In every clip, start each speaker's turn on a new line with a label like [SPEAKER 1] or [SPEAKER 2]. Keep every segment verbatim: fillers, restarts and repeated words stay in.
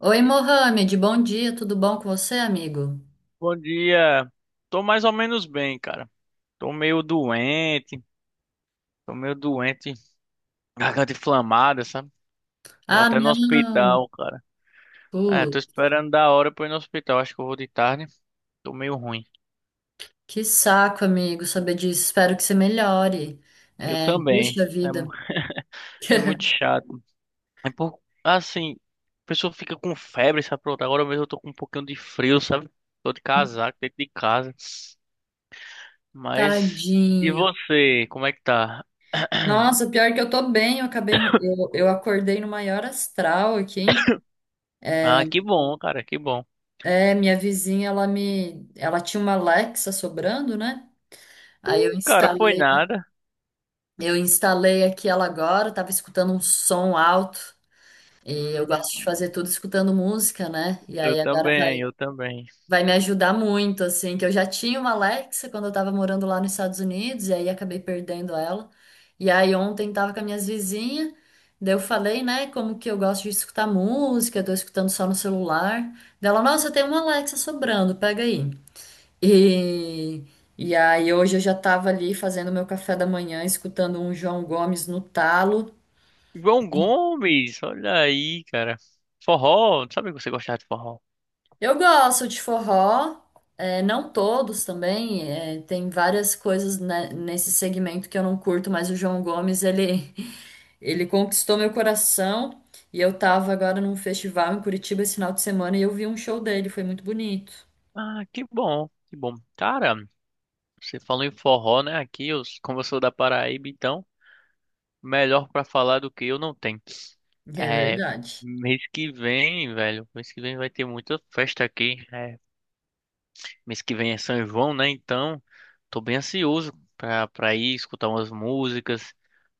[SPEAKER 1] Oi, Mohamed, bom dia, tudo bom com você, amigo?
[SPEAKER 2] Bom dia. Tô mais ou menos bem, cara. Tô meio doente, tô meio doente, garganta inflamada, sabe? Vou
[SPEAKER 1] Ah,
[SPEAKER 2] até no
[SPEAKER 1] não.
[SPEAKER 2] hospital, cara. É,
[SPEAKER 1] Pô,
[SPEAKER 2] tô esperando da hora pra ir no hospital. Acho que eu vou de tarde. Tô meio ruim.
[SPEAKER 1] que saco, amigo, saber disso, espero que você melhore.
[SPEAKER 2] Eu
[SPEAKER 1] É,
[SPEAKER 2] também.
[SPEAKER 1] puxa
[SPEAKER 2] É, mu-
[SPEAKER 1] vida,
[SPEAKER 2] é muito chato. É, por assim, a pessoa fica com febre, sabe? Pronto, agora mesmo eu tô com um pouquinho de frio, sabe? Tô de casaco dentro de casa. Mas, e
[SPEAKER 1] tadinho.
[SPEAKER 2] você? Como é que tá?
[SPEAKER 1] Nossa, pior que eu tô bem, eu acabei, no- eu, eu acordei no maior astral aqui.
[SPEAKER 2] Ah, que bom, cara, que bom.
[SPEAKER 1] É, minha vizinha, ela me, ela tinha uma Alexa sobrando, né? Aí eu
[SPEAKER 2] Cara, foi
[SPEAKER 1] instalei,
[SPEAKER 2] nada.
[SPEAKER 1] eu instalei aqui ela agora, tava escutando um som alto. E eu
[SPEAKER 2] Hum,
[SPEAKER 1] gosto de fazer tudo escutando música, né? E
[SPEAKER 2] eu
[SPEAKER 1] aí agora vai
[SPEAKER 2] também, eu também.
[SPEAKER 1] vai me ajudar muito, assim, que eu já tinha uma Alexa quando eu tava morando lá nos Estados Unidos, e aí acabei perdendo ela. E aí ontem tava com as minhas vizinhas, daí eu falei, né, como que eu gosto de escutar música, tô escutando só no celular. Daí ela, nossa, tem uma Alexa sobrando, pega aí. E, e aí hoje eu já tava ali fazendo meu café da manhã, escutando um João Gomes no talo.
[SPEAKER 2] João Gomes, olha aí, cara. Forró, sabe que você gostava de forró?
[SPEAKER 1] Eu gosto de forró, é, não todos também, é, tem várias coisas né, nesse segmento que eu não curto, mas o João Gomes, ele, ele conquistou meu coração e eu tava agora num festival em Curitiba esse final de semana e eu vi um show dele, foi muito bonito.
[SPEAKER 2] Ah, que bom, que bom. Cara, você falou em forró, né? Aqui, eu, como eu sou da Paraíba, então, melhor pra falar do que eu não tenho.
[SPEAKER 1] É
[SPEAKER 2] É,
[SPEAKER 1] verdade.
[SPEAKER 2] mês que vem, velho, mês que vem vai ter muita festa aqui. É, mês que vem é São João, né? Então, tô bem ansioso pra, pra ir escutar umas músicas,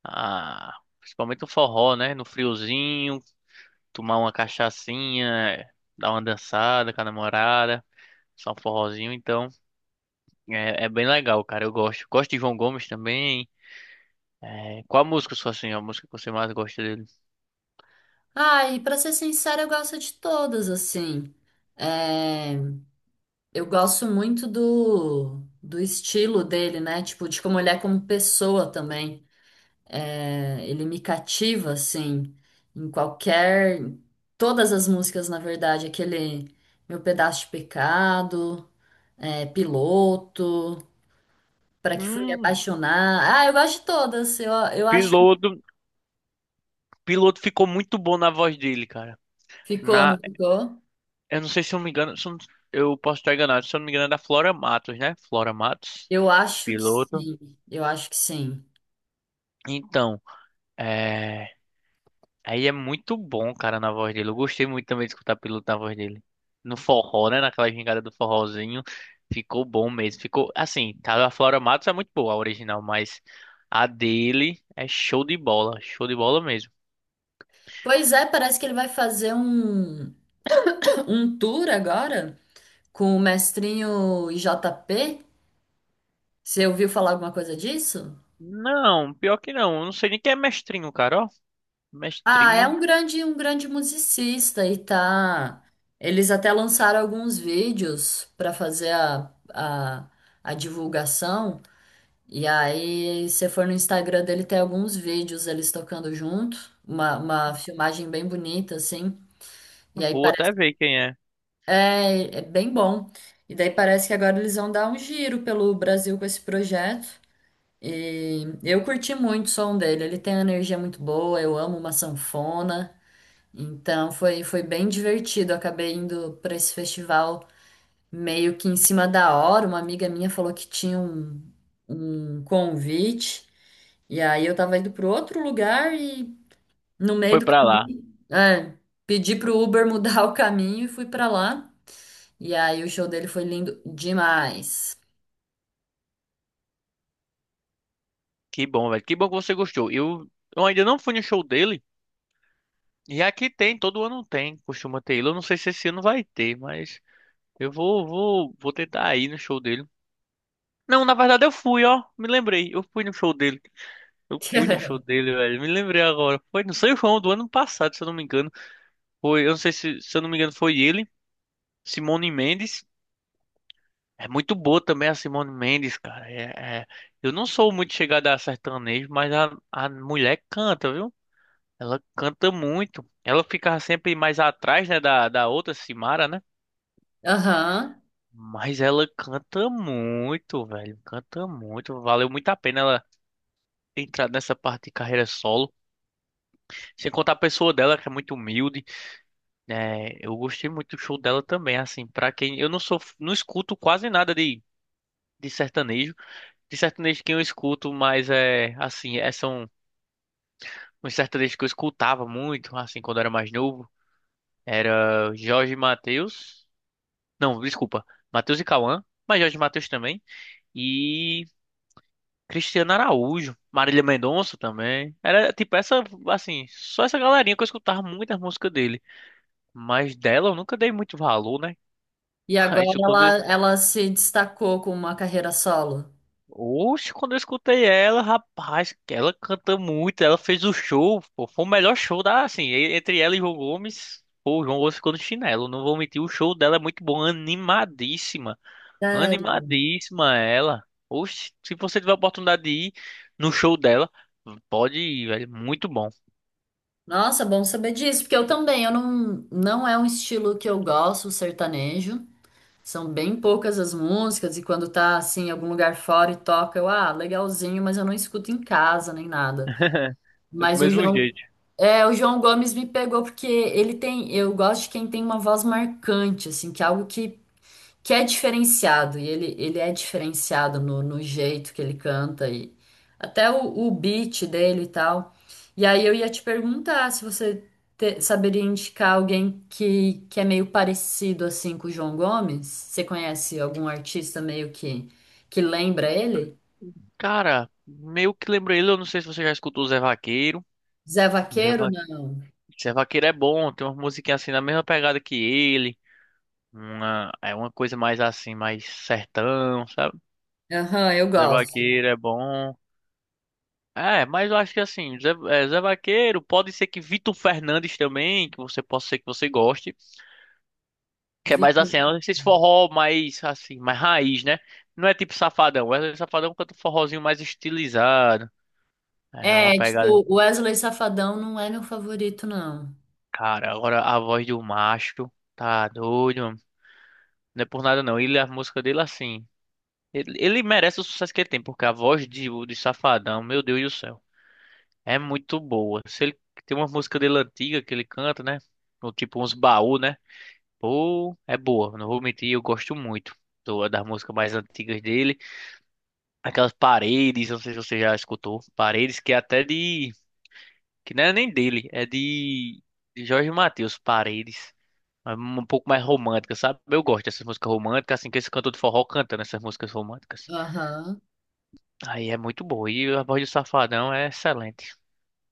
[SPEAKER 2] ah, principalmente o forró, né? No friozinho, tomar uma cachaçinha, dar uma dançada com a namorada, só um forrozinho. Então, é, é bem legal, cara. Eu gosto. Gosto de João Gomes também. É, qual a música, sua assim, a música que você mais gosta dele?
[SPEAKER 1] Ah, e pra ser sincera, eu gosto de todas, assim. É, eu gosto muito do, do estilo dele, né? Tipo, de como ele é como pessoa também. É, ele me cativa, assim, em qualquer. Todas as músicas, na verdade, aquele Meu Pedaço de Pecado, é, Piloto, Pra Que Fui Me
[SPEAKER 2] Hum,
[SPEAKER 1] Apaixonar. Ah, eu gosto de todas. Eu, eu acho.
[SPEAKER 2] Piloto. Piloto ficou muito bom na voz dele, cara.
[SPEAKER 1] Ficou, não
[SPEAKER 2] Na,
[SPEAKER 1] ficou?
[SPEAKER 2] eu não sei se eu me engano, se eu, não- eu posso estar enganado, se eu não me engano é da Flora Matos, né? Flora Matos,
[SPEAKER 1] Eu acho que
[SPEAKER 2] Piloto.
[SPEAKER 1] sim. Eu acho que sim.
[SPEAKER 2] Então, é... aí é muito bom, cara, na voz dele. Eu gostei muito também de escutar Piloto na voz dele. No forró, né? Naquela gingada do forrozinho. Ficou bom mesmo. Ficou, assim, tá, a Flora Matos é muito boa, a original, mas a dele é show de bola. Show de bola mesmo.
[SPEAKER 1] Pois é, parece que ele vai fazer um, um tour agora com o mestrinho e J JP. Você ouviu falar alguma coisa disso?
[SPEAKER 2] Não, pior que não. Eu não sei nem quem é Mestrinho, cara, ó.
[SPEAKER 1] Ah, é
[SPEAKER 2] Mestrinho,
[SPEAKER 1] um grande, um grande musicista e tá. Eles até lançaram alguns vídeos para fazer a, a, a divulgação. E aí, se você for no Instagram dele, tem alguns vídeos eles tocando junto. Uma, uma filmagem bem bonita, assim. E aí
[SPEAKER 2] vou até
[SPEAKER 1] parece.
[SPEAKER 2] ver quem é.
[SPEAKER 1] É, é bem bom. E daí parece que agora eles vão dar um giro pelo Brasil com esse projeto. E eu curti muito o som dele. Ele tem uma energia muito boa. Eu amo uma sanfona. Então foi, foi bem divertido. Acabei indo para esse festival meio que em cima da hora. Uma amiga minha falou que tinha um, um convite, e aí eu tava indo para outro lugar e no meio
[SPEAKER 2] Foi
[SPEAKER 1] do
[SPEAKER 2] pra lá.
[SPEAKER 1] caminho, é, pedi pro Uber mudar o caminho e fui para lá. E aí o show dele foi lindo demais.
[SPEAKER 2] Que bom, velho. Que bom que você gostou. Eu, eu ainda não fui no show dele. E aqui tem, todo ano tem, costuma ter ele. Eu não sei se esse ano vai ter, mas eu vou, vou, vou tentar ir no show dele. Não, na verdade eu fui, ó. Me lembrei. Eu fui no show dele. Eu fui no show dele, velho. Me lembrei agora. Foi no São João do ano passado, se eu não me engano. Foi, eu não sei se, se eu não me engano, foi ele, Simone Mendes. É muito boa também a Simone Mendes, cara. É, é- Eu não sou muito chegada a sertanejo, mas a, a mulher canta, viu? Ela canta muito. Ela ficava sempre mais atrás, né, da, da outra Simara, né?
[SPEAKER 1] Aham.
[SPEAKER 2] Mas ela canta muito, velho. Canta muito. Valeu muito a pena ela entrar nessa parte de carreira solo. Sem contar a pessoa dela, que é muito humilde, né? Eu gostei muito do show dela também, assim, pra quem eu não sou, não escuto quase nada de, de sertanejo. De sertanejo que eu escuto, mas é assim, é, são uns sertanejos que eu escutava muito, assim, quando eu era mais novo. Era Jorge Mateus. Não, desculpa. Matheus e Cauã, mas Jorge Matheus também. E Cristiano Araújo, Marília Mendonça também. Era tipo essa, assim, só essa galerinha que eu escutava muitas músicas dele. Mas dela eu nunca dei muito valor, né?
[SPEAKER 1] E
[SPEAKER 2] Mas
[SPEAKER 1] agora
[SPEAKER 2] eu quando.
[SPEAKER 1] ela, ela se destacou com uma carreira solo.
[SPEAKER 2] Oxe, quando eu escutei ela, rapaz, ela canta muito, ela fez o show, pô, foi o melhor show da, assim, e- entre ela e João Gomes. Pô, o João Gomes ficou no chinelo, não vou mentir, o show dela é muito bom, animadíssima.
[SPEAKER 1] Sério?
[SPEAKER 2] Animadíssima ela. Oxe, se você tiver a oportunidade de ir no show dela, pode ir, velho. Muito bom.
[SPEAKER 1] Nossa, bom saber disso, porque eu também, eu não, não é um estilo que eu gosto, o sertanejo. São bem poucas as músicas, e quando tá assim, em algum lugar fora e toca, eu, ah, legalzinho, mas eu não escuto em casa nem nada.
[SPEAKER 2] É, do
[SPEAKER 1] Mas o
[SPEAKER 2] mesmo
[SPEAKER 1] João,
[SPEAKER 2] jeito.
[SPEAKER 1] é, o João Gomes me pegou porque ele tem, eu gosto de quem tem uma voz marcante, assim, que é algo que que é diferenciado, e ele, ele é diferenciado no, no jeito que ele canta, e até o, o beat dele e tal. E aí eu ia te perguntar se você te- saberia indicar alguém que, que é meio parecido assim com o João Gomes. Você conhece algum artista meio que, que lembra ele?
[SPEAKER 2] Cara, meio que lembro ele, eu não sei se você já escutou o Zé Vaqueiro.
[SPEAKER 1] Zé
[SPEAKER 2] Zé,
[SPEAKER 1] Vaqueiro?
[SPEAKER 2] Va...
[SPEAKER 1] Não.
[SPEAKER 2] Zé Vaqueiro é bom, tem uma musiquinhas assim na mesma pegada que ele. Uma... é uma coisa mais assim, mais sertão, sabe?
[SPEAKER 1] Aham, eu
[SPEAKER 2] Zé
[SPEAKER 1] gosto.
[SPEAKER 2] Vaqueiro é bom. É, mas eu acho que assim, Zé, é, Zé Vaqueiro, pode ser que Vitor Fernandes também, que você possa ser que você goste. Que é mais
[SPEAKER 1] Vitor-
[SPEAKER 2] assim, é esses forró mais assim, mais raiz, né? Não é tipo Safadão. É, Safadão canta um forrozinho mais estilizado. É uma
[SPEAKER 1] É, tipo,
[SPEAKER 2] pegada.
[SPEAKER 1] o Wesley Safadão não é meu favorito, não.
[SPEAKER 2] Cara, agora a voz do macho tá doido, mano. Não é por nada não. Ele, a música dele assim. Ele, ele merece o sucesso que ele tem, porque a voz de, de Safadão, meu Deus do céu, é muito boa. Se ele tem uma música dele antiga que ele canta, né? Ou tipo uns baú, né? Pô, é boa. Não vou mentir, eu gosto muito do, das músicas mais antigas dele. Aquelas Paredes, não sei se você já escutou. Paredes que é até de. Que não é nem dele, é de. De Jorge Mateus, Paredes. É um pouco mais romântica, sabe? Eu gosto dessas músicas românticas, assim que esse cantor de forró canta nessas músicas românticas.
[SPEAKER 1] Aham.
[SPEAKER 2] Aí é muito boa. E a voz do Safadão é excelente.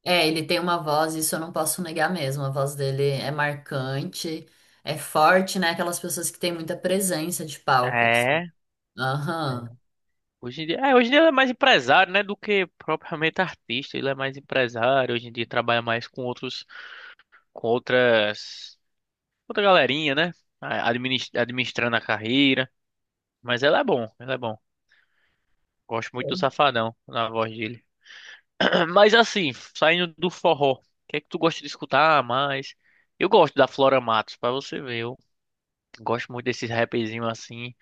[SPEAKER 1] É, ele tem uma voz, isso eu não posso negar mesmo. A voz dele é marcante, é forte, né? Aquelas pessoas que têm muita presença de palco. Assim.
[SPEAKER 2] É. É.
[SPEAKER 1] Aham.
[SPEAKER 2] Hoje em dia, é, hoje em dia ele é mais empresário, né, do que propriamente artista. Ele é mais empresário, hoje em dia trabalha mais com outros, com outras, outra galerinha, né, a- adminis- administrando a carreira. Mas ela é bom, ela é bom. Gosto muito do Safadão na voz dele. Mas assim, saindo do forró, o que é que tu gosta de escutar mais? Eu gosto da Flora Matos, pra você ver. Eu gosto muito desses rapzinhos assim,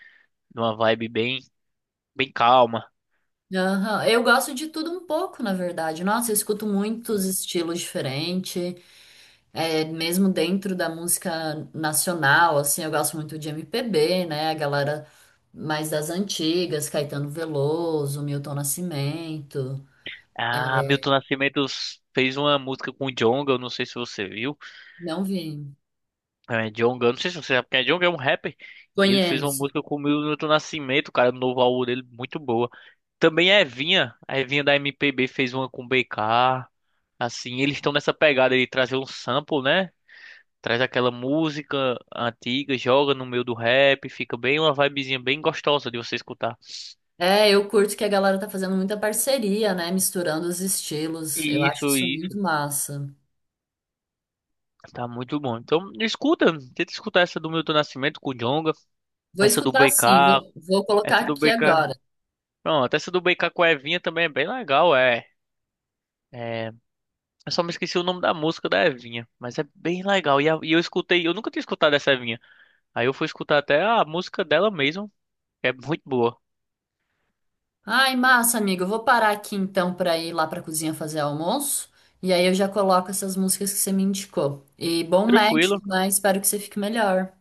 [SPEAKER 2] numa vibe bem, bem calma.
[SPEAKER 1] Aham. Eu gosto de tudo um pouco, na verdade. Nossa, eu escuto muitos estilos diferentes, é, mesmo dentro da música nacional, assim, eu gosto muito de M P B, né? A galera mais das antigas, Caetano Veloso, Milton Nascimento.
[SPEAKER 2] Ah, Milton Nascimento fez uma música com o Djonga, eu não sei se você viu.
[SPEAKER 1] Não vi.
[SPEAKER 2] É, Djonga, eu não sei se você sabe quem é Djonga, é um rapper. E ele fez uma
[SPEAKER 1] Conheço.
[SPEAKER 2] música com o Milton Nascimento, cara, no novo álbum dele, muito boa. Também a Evinha, a Evinha da M P B fez uma com B K. Assim, eles estão nessa pegada de trazer um sample, né? Traz aquela música antiga, joga no meio do rap, fica bem uma vibezinha bem gostosa de você escutar.
[SPEAKER 1] É, eu curto que a galera tá fazendo muita parceria, né? Misturando os estilos. Eu acho
[SPEAKER 2] Isso,
[SPEAKER 1] isso muito
[SPEAKER 2] isso.
[SPEAKER 1] massa.
[SPEAKER 2] Tá muito bom. Então, escuta, tenta escutar essa do Milton Nascimento com o Djonga,
[SPEAKER 1] Vou
[SPEAKER 2] essa
[SPEAKER 1] escutar
[SPEAKER 2] do
[SPEAKER 1] sim,
[SPEAKER 2] BK,
[SPEAKER 1] vou vou colocar
[SPEAKER 2] essa
[SPEAKER 1] aqui
[SPEAKER 2] do BK
[SPEAKER 1] agora.
[SPEAKER 2] Pronto, essa do Brincar com a Evinha também é bem legal, é. É, eu só me esqueci o nome da música da Evinha, mas é bem legal. E, a- e eu escutei, eu nunca tinha escutado essa Evinha. Aí eu fui escutar até a música dela mesmo, que é muito boa.
[SPEAKER 1] Ai, massa, amigo. Eu vou parar aqui então para ir lá pra cozinha fazer almoço. E aí eu já coloco essas músicas que você me indicou. E bom médico,
[SPEAKER 2] Tranquilo.
[SPEAKER 1] né? Espero que você fique melhor.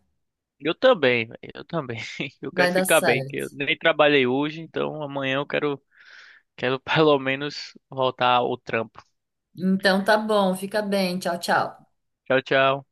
[SPEAKER 2] Eu também, véi, eu também. Eu
[SPEAKER 1] Vai
[SPEAKER 2] quero
[SPEAKER 1] dar
[SPEAKER 2] ficar bem, que eu
[SPEAKER 1] certo.
[SPEAKER 2] nem trabalhei hoje, então amanhã eu quero, quero pelo menos voltar ao trampo.
[SPEAKER 1] Então tá bom, fica bem. Tchau, tchau.
[SPEAKER 2] Tchau, tchau.